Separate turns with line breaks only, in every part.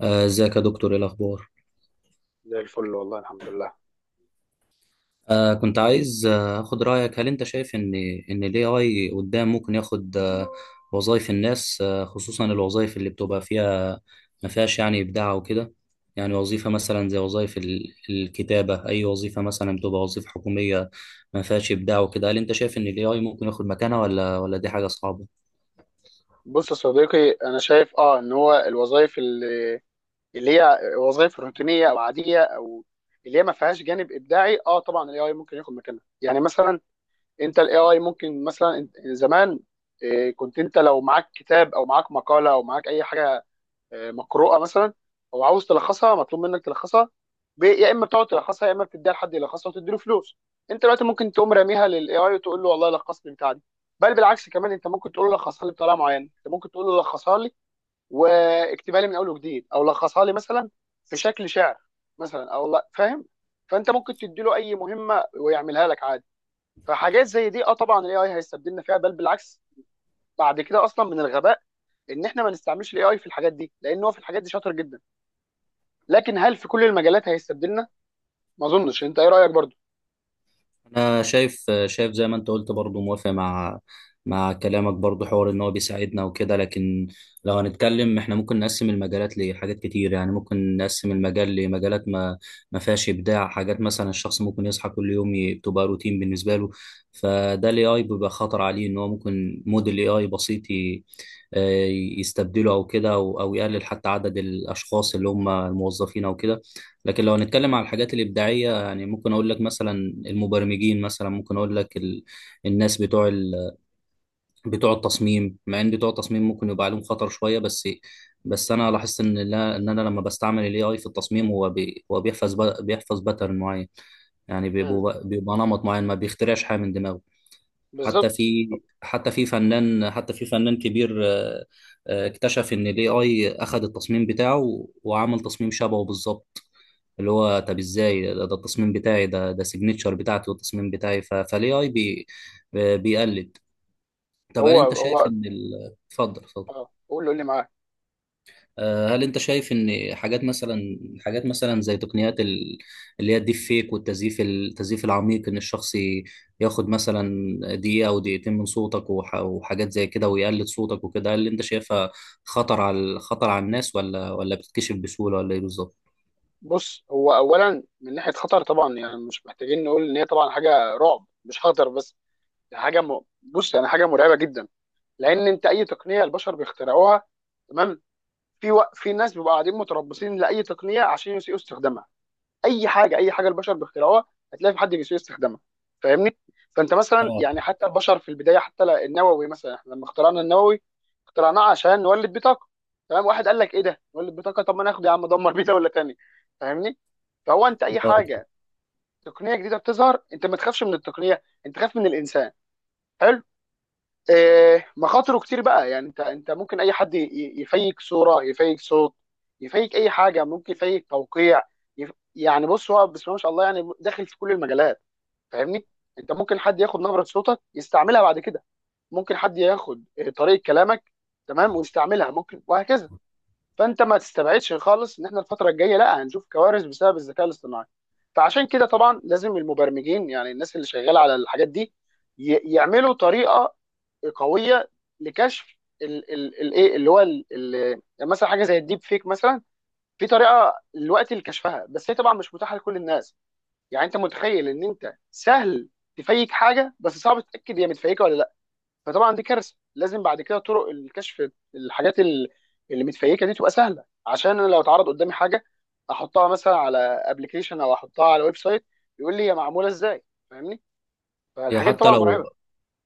ازيك يا دكتور، ايه الاخبار؟
زي الفل والله، الحمد لله.
كنت عايز اخد رايك. هل انت شايف ان الاي اي قدام ممكن ياخد وظايف الناس، خصوصا الوظايف اللي بتبقى فيها ما فيهاش يعني ابداع وكده؟ يعني وظيفه مثلا زي وظايف الكتابه، اي وظيفه مثلا بتبقى وظيفه حكوميه ما فيهاش ابداع وكده. هل انت شايف ان الاي اي ممكن ياخد مكانها، ولا دي حاجه صعبه؟
بص يا صديقي، انا شايف ان هو الوظائف اللي هي وظائف روتينيه او عاديه، او اللي هي ما فيهاش جانب ابداعي. اه طبعا الاي اي ممكن ياخد مكانها. يعني مثلا انت الاي اي ممكن مثلا زمان، كنت انت لو معاك كتاب او معاك مقاله او معاك اي حاجه مقروءه مثلا، او عاوز تلخصها، مطلوب منك تلخصها. يا اما بتقعد تلخصها، يا اما بتديها لحد يلخصها وتديله فلوس. انت دلوقتي ممكن تقوم راميها للاي اي وتقول له والله لخص لي بتاع دي. بل بالعكس، كمان انت ممكن تقول له لخصها لي بطريقه معينه، انت ممكن تقول له لخصها لي واكتبها لي من اول وجديد، او لخصها لي مثلا في شكل شعر مثلا، او لا فاهم. فانت ممكن تديله اي مهمه ويعملها لك عادي. فحاجات زي دي طبعا الاي اي هيستبدلنا فيها. بل بالعكس، بعد كده اصلا من الغباء ان احنا ما نستعملش الاي اي في الحاجات دي، لان هو في الحاجات دي شاطر جدا. لكن هل في كل المجالات هيستبدلنا؟ ما اظنش. انت ايه رايك برضو؟
انا شايف، زي ما انت قلت برضو، موافق مع كلامك برضو، حوار ان هو بيساعدنا وكده. لكن لو هنتكلم احنا، ممكن نقسم المجالات لحاجات كتير. يعني ممكن نقسم المجال لمجالات ما فيهاش ابداع. حاجات مثلا الشخص ممكن يصحى كل يوم بتبقى روتين بالنسبه له، فده الاي اي بيبقى خطر عليه، ان هو ممكن موديل اي اي بسيط آه، يستبدله او كده، او يقلل حتى عدد الاشخاص اللي هم الموظفين او كده. لكن لو هنتكلم على الحاجات الإبداعية، يعني ممكن أقول لك مثلا المبرمجين. مثلا ممكن أقول لك الناس بتوع بتوع التصميم. مع إن بتوع التصميم ممكن يبقى عليهم خطر شوية، بس أنا لاحظت إن لا... إن أنا لما بستعمل ال AI في التصميم، هو بيحفظ، بيحفظ باترن معين. يعني
امم،
بيبقى نمط معين، ما بيخترعش حاجة من دماغه.
بالظبط.
حتى في فنان كبير، اكتشف ان الاي اي اخذ التصميم بتاعه وعمل تصميم شبهه بالظبط. اللي هو، طب ازاي؟ ده التصميم بتاعي، ده سيجنتشر بتاعتي والتصميم بتاعي. فالاي اي بي آه، بيقلد. طب هل
هو
انت شايف
هو
ان اتفضل اتفضل.
اه، قول لي، قول لي معاك.
هل انت شايف ان حاجات مثلا، زي تقنيات اللي هي الديب فيك والتزييف، العميق، ان الشخص ياخد مثلا دقيقة او دقيقتين من صوتك وحاجات زي كده، ويقلد صوتك وكده. هل انت شايفها خطر على، الناس، ولا بتتكشف بسهولة، ولا ايه بالظبط؟
بص، هو اولا من ناحيه خطر، طبعا يعني مش محتاجين نقول ان هي طبعا حاجه رعب مش خطر بس. ده حاجه بص، يعني حاجه مرعبه جدا. لان انت اي تقنيه البشر بيخترعوها، تمام. في في ناس بيبقوا قاعدين متربصين لاي تقنيه عشان يسيئوا استخدامها. اي حاجه، اي حاجه البشر بيخترعوها هتلاقي في حد بيسوء استخدامها، فاهمني؟ فانت مثلا
اه،
يعني حتى البشر في البدايه، حتى النووي مثلا، احنا لما اخترعنا النووي اخترعناه عشان نولد بيه طاقه، تمام. واحد قال لك ايه ده نولد بيه طاقه، طب ما ناخد يا عم دمر بيه دوله تانيه، فاهمني؟ فهو انت اي
اه.
حاجه تقنيه جديده بتظهر، انت ما تخافش من التقنيه، انت خاف من الانسان. حلو. مخاطره كتير بقى، يعني انت ممكن اي حد يفيك صوره، يفيك صوت، يفيك اي حاجه، ممكن يفيك توقيع. يعني بص، هو بسم الله ما شاء الله يعني داخل في كل المجالات، فاهمني؟ انت ممكن حد ياخد نبره صوتك يستعملها بعد كده، ممكن حد ياخد طريقه كلامك، تمام، ويستعملها ممكن، وهكذا. فانت ما تستبعدش خالص ان احنا الفتره الجايه لا هنشوف كوارث بسبب الذكاء الاصطناعي. فعشان كده طبعا لازم المبرمجين، يعني الناس اللي شغاله على الحاجات دي، يعملوا طريقه قويه لكشف الايه اللي هو يعني مثلا حاجه زي الديب فيك مثلا. في طريقه دلوقتي لكشفها بس هي طبعا مش متاحه لكل الناس. يعني انت متخيل ان انت سهل تفيك حاجه بس صعب تتاكد هي متفيكه ولا لا؟ فطبعا دي كارثه. لازم بعد كده طرق الكشف الحاجات اللي متفيكه دي تبقى سهله، عشان انا لو اتعرض قدامي حاجه احطها مثلا على ابلكيشن او احطها على ويب سايت يقول لي هي معموله ازاي، فاهمني؟
هي
فالحاجات دي
حتى
طبعا مرعبه.
لو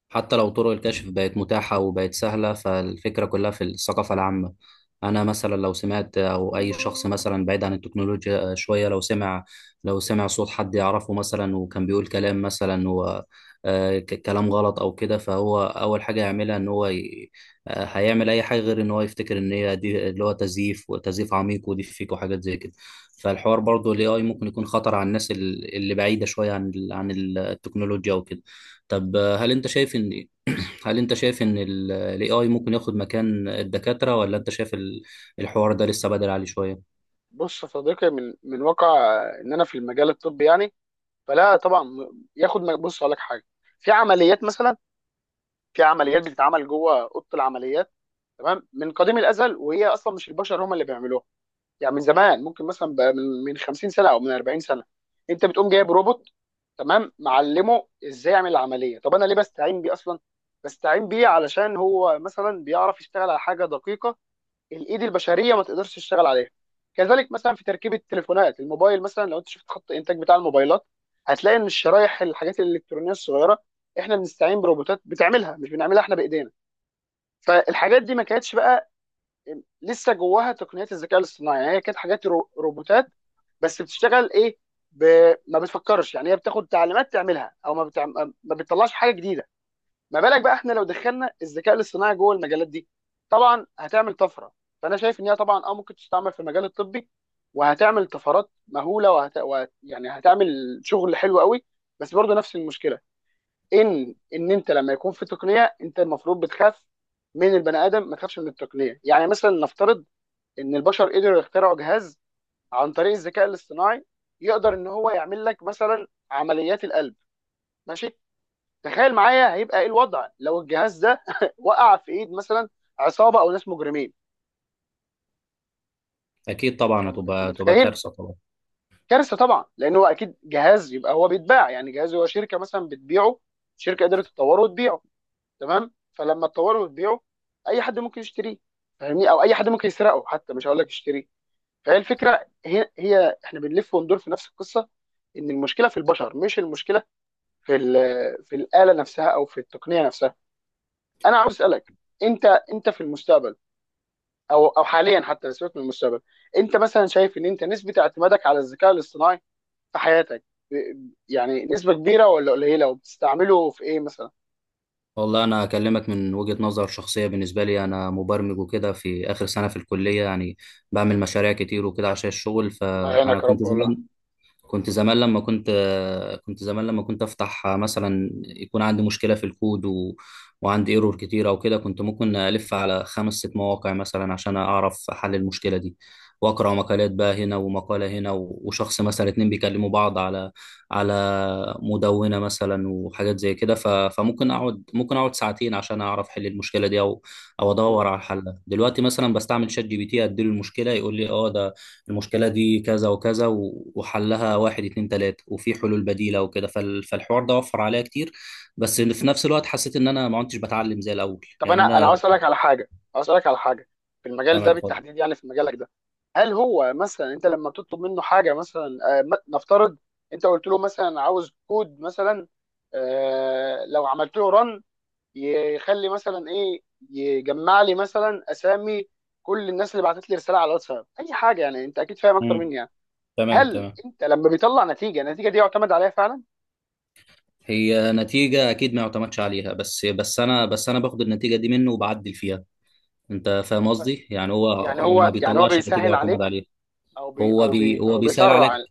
حتى لو طرق الكشف بقت متاحة وبقت سهلة، فالفكرة كلها في الثقافة العامة. أنا مثلا لو سمعت، أو أي شخص مثلا بعيد عن التكنولوجيا شوية، لو سمع، صوت حد يعرفه مثلا وكان بيقول كلام مثلا و كلام غلط أو كده، فهو أول حاجة يعملها إن هو ي... آه، هيعمل أي حاجة غير إن هو يفتكر إن هي دي اللي هو تزييف، وتزييف عميق، ودي فيك، وحاجات زي كده. فالحوار برضه ال AI ممكن يكون خطر على الناس اللي بعيدة شوية عن عن التكنولوجيا وكده. طب هل انت شايف ان، الاي اي ممكن ياخد مكان الدكاترة، ولا انت شايف الحوار ده لسه بدري عليه شوية؟
بص يا صديقي، من واقع ان انا في المجال الطبي، يعني فلا طبعا، بص اقول لك حاجه. في عمليات مثلا، في عمليات بتتعمل جوه اوضه العمليات، تمام، من قديم الازل، وهي اصلا مش البشر هم اللي بيعملوها. يعني من زمان ممكن مثلا بقى من 50 سنه او من 40 سنه انت بتقوم جايب روبوت، تمام، معلمه ازاي يعمل العمليه. طب انا ليه بستعين بيه اصلا؟ بستعين بيه علشان هو مثلا بيعرف يشتغل على حاجه دقيقه الايد البشريه ما تقدرش تشتغل عليها. كذلك مثلا في تركيب التليفونات الموبايل، مثلا لو انت شفت خط الانتاج بتاع الموبايلات هتلاقي ان الشرايح، الحاجات الالكترونيه الصغيره، احنا بنستعين بروبوتات بتعملها، مش بنعملها احنا بايدينا. فالحاجات دي ما كانتش بقى لسه جواها تقنيات الذكاء الاصطناعي، يعني هي كانت حاجات روبوتات، بس بتشتغل ايه، ب... ما بتفكرش. يعني هي بتاخد تعليمات تعملها او ما بتطلعش حاجه جديده. ما بالك بقى احنا لو دخلنا الذكاء الاصطناعي جوه المجالات دي؟ طبعا هتعمل طفره. فانا شايف ان هي طبعا ممكن تستعمل في المجال الطبي وهتعمل طفرات مهوله، يعني هتعمل شغل حلو قوي. بس برضه نفس المشكله، ان انت لما يكون في تقنيه انت المفروض بتخاف من البني ادم، ما تخافش من التقنيه. يعني مثلا نفترض ان البشر قدروا يخترعوا جهاز عن طريق الذكاء الاصطناعي يقدر ان هو يعمل لك مثلا عمليات القلب. ماشي، تخيل معايا هيبقى ايه الوضع لو الجهاز ده وقع في ايد مثلا عصابه او ناس مجرمين؟
اكيد
انت
طبعا،
انت
تبقى
متخيل؟
كارثة طبعا.
كارثه طبعا، لان هو اكيد جهاز يبقى هو بيتباع. يعني جهاز هو شركه مثلا بتبيعه، شركه قدرت تطوره وتبيعه، تمام، فلما تطوره وتبيعه اي حد ممكن يشتريه، فاهمني؟ او اي حد ممكن يسرقه حتى، مش هقول لك يشتريه. فهي الفكره هي احنا بنلف وندور في نفس القصه. ان المشكله في البشر، مش المشكله في في الاله نفسها او في التقنيه نفسها. انا عاوز اسالك، انت، انت في المستقبل، او حاليا حتى، سيبك من المستقبل، انت مثلا شايف ان انت نسبه اعتمادك على الذكاء الاصطناعي في حياتك يعني نسبه كبيره ولا قليله، وبتستعمله في ايه مثلا؟
والله انا اكلمك من وجهة نظر شخصية. بالنسبة لي انا مبرمج وكده، في اخر سنة في الكلية يعني بعمل مشاريع كتير وكده عشان الشغل.
الله
فانا
يعينك يا
كنت
رب والله.
زمان كنت زمان لما كنت كنت زمان لما كنت افتح مثلا، يكون عندي مشكله في الكود وعندي ايرور كتير او كده، كنت ممكن الف على 5 6 مواقع مثلا عشان اعرف حل المشكله دي، واقرا مقالات، بقى هنا ومقاله هنا، وشخص مثلا اتنين بيكلموا بعض على، على مدونه مثلا وحاجات زي كده. فممكن اقعد، ممكن اقعد ساعتين عشان اعرف حل المشكله دي، او او ادور
مم.
على حلها. دلوقتي مثلا بستعمل شات جي بي تي، اديله المشكله يقول لي، ده المشكلة دي كذا وكذا و وحلها واحد اتنين تلاتة، وفي حلول بديلة وكده. فالحوار ده وفر عليا كتير، بس في نفس الوقت حسيت ان انا ما كنتش بتعلم زي الاول،
طب
يعني
انا
انا.
عاوز اسالك على حاجه في
تمام،
المجال ده
اتفضل.
بالتحديد، يعني في مجالك ده. هل هو مثلا انت لما بتطلب منه حاجه مثلا نفترض انت قلت له مثلا عاوز كود مثلا، لو عملت له رن يخلي مثلا ايه؟ يجمع لي مثلا اسامي كل الناس اللي بعتت لي رساله على الواتساب، اي حاجه يعني، انت اكيد فاهم اكتر
مم.
مني يعني.
تمام،
هل
تمام.
انت لما بيطلع نتيجه، النتيجه دي يعتمد عليها فعلا؟
هي نتيجة اكيد ما يعتمدش عليها، بس انا باخد النتيجة دي منه وبعدل فيها. انت فاهم قصدي؟ يعني هو
يعني
ما
هو يعني هو
بيطلعش نتيجة
بيسهل
يعتمد
عليك،
عليها. هو بي هو
او
بيسهل
بيسرع
عليك،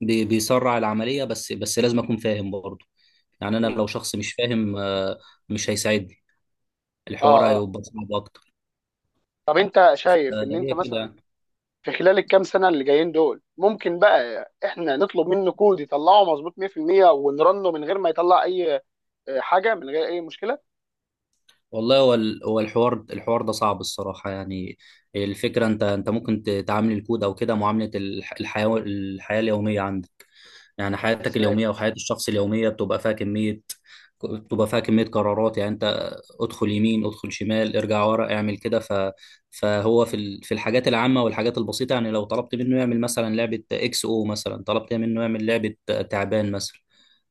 بيسرع العملية، بس لازم اكون فاهم برضه. يعني انا
مم.
لو شخص مش فاهم، مش هيساعدني، الحوار
اه اه.
هيبقى صعب اكتر.
طب انت شايف ان انت
هي
مثلا
كده.
في خلال الكام سنه اللي جايين دول ممكن بقى احنا نطلب منه كود يطلعه مظبوط 100% ونرنه من غير ما يطلع اي حاجه، من غير اي مشكله؟
والله هو الحوار ده صعب الصراحه، يعني الفكره، انت انت ممكن تعامل الكود او كده معامله الحياه اليوميه عندك. يعني حياتك
ازاي.
اليومية أو حياة الشخص اليومية بتبقى فيها كمية، قرارات. يعني أنت ادخل يمين، ادخل شمال، ارجع ورا، اعمل كده. فهو في الحاجات العامة والحاجات البسيطة، يعني لو طلبت منه يعمل مثلا لعبة اكس او، مثلا طلبت منه يعمل لعبة تعبان مثلا،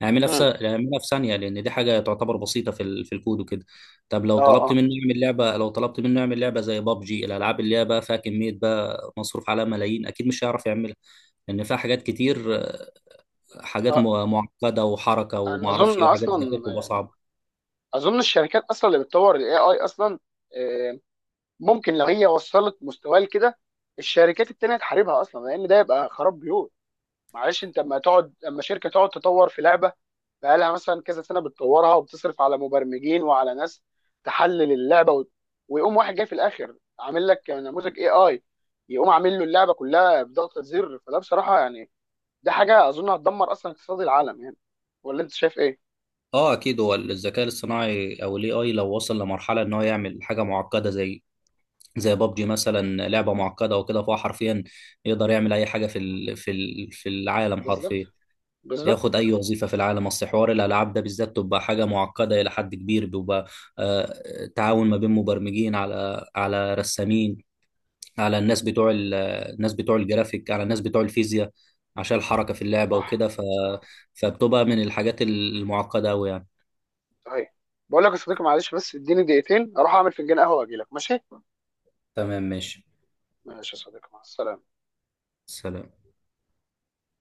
اعملها
مم.
اعملها في ثانية، لأن دي حاجة تعتبر بسيطة في في الكود وكده. طب لو
اه
طلبت
اه.
منه يعمل لعبة، زي بابجي، الألعاب اللي هي بقى فيها كمية، بقى مصروف عليها ملايين، أكيد مش هيعرف يعملها. لأن فيها حاجات كتير، حاجات
آه،
معقده وحركه
انا
وما اعرفش
اظن
ايه وحاجات
اصلا،
زي كده، بتبقى صعبه.
اظن الشركات اصلا اللي بتطور الاي اي اصلا آه، ممكن لو هي وصلت مستواه لكده الشركات التانية تحاربها اصلا، لان ده يبقى خراب بيوت. معلش، انت اما تقعد، اما شركة تقعد تطور في لعبة بقالها مثلا كذا سنة بتطورها وبتصرف على مبرمجين وعلى ناس تحلل اللعبة ويقوم واحد جاي في الاخر عامل لك نموذج اي اي يقوم عامل له اللعبة كلها بضغطة زر، فده بصراحة يعني ده حاجة اظن هتدمر اصلا اقتصاد العالم يعني. ولا انت شايف ايه؟
اه، اكيد هو الذكاء الاصطناعي او الاي اي لو وصل لمرحله ان هو يعمل حاجه معقده زي، بابجي مثلا، لعبه معقده وكده، فهو حرفيا يقدر يعمل اي حاجه في في العالم
بالظبط،
حرفيا،
بالظبط.
ياخد اي وظيفه في العالم. اصل حوار الالعاب ده بالذات تبقى حاجه معقده الى حد كبير، بيبقى تعاون ما بين مبرمجين، على رسامين، على الناس بتوع الناس بتوع الجرافيك، على الناس بتوع الفيزياء، عشان الحركة في اللعبة وكده.
صح، صح.
فبتبقى من الحاجات المعقدة أوي يعني.
صحيح. بقول لك يا صديقي، معلش بس اديني دقيقتين اروح اعمل فنجان قهوه واجي لك، ماشي؟
تمام، ماشي.
ماشي يا صديقي، مع السلامه.
سلام.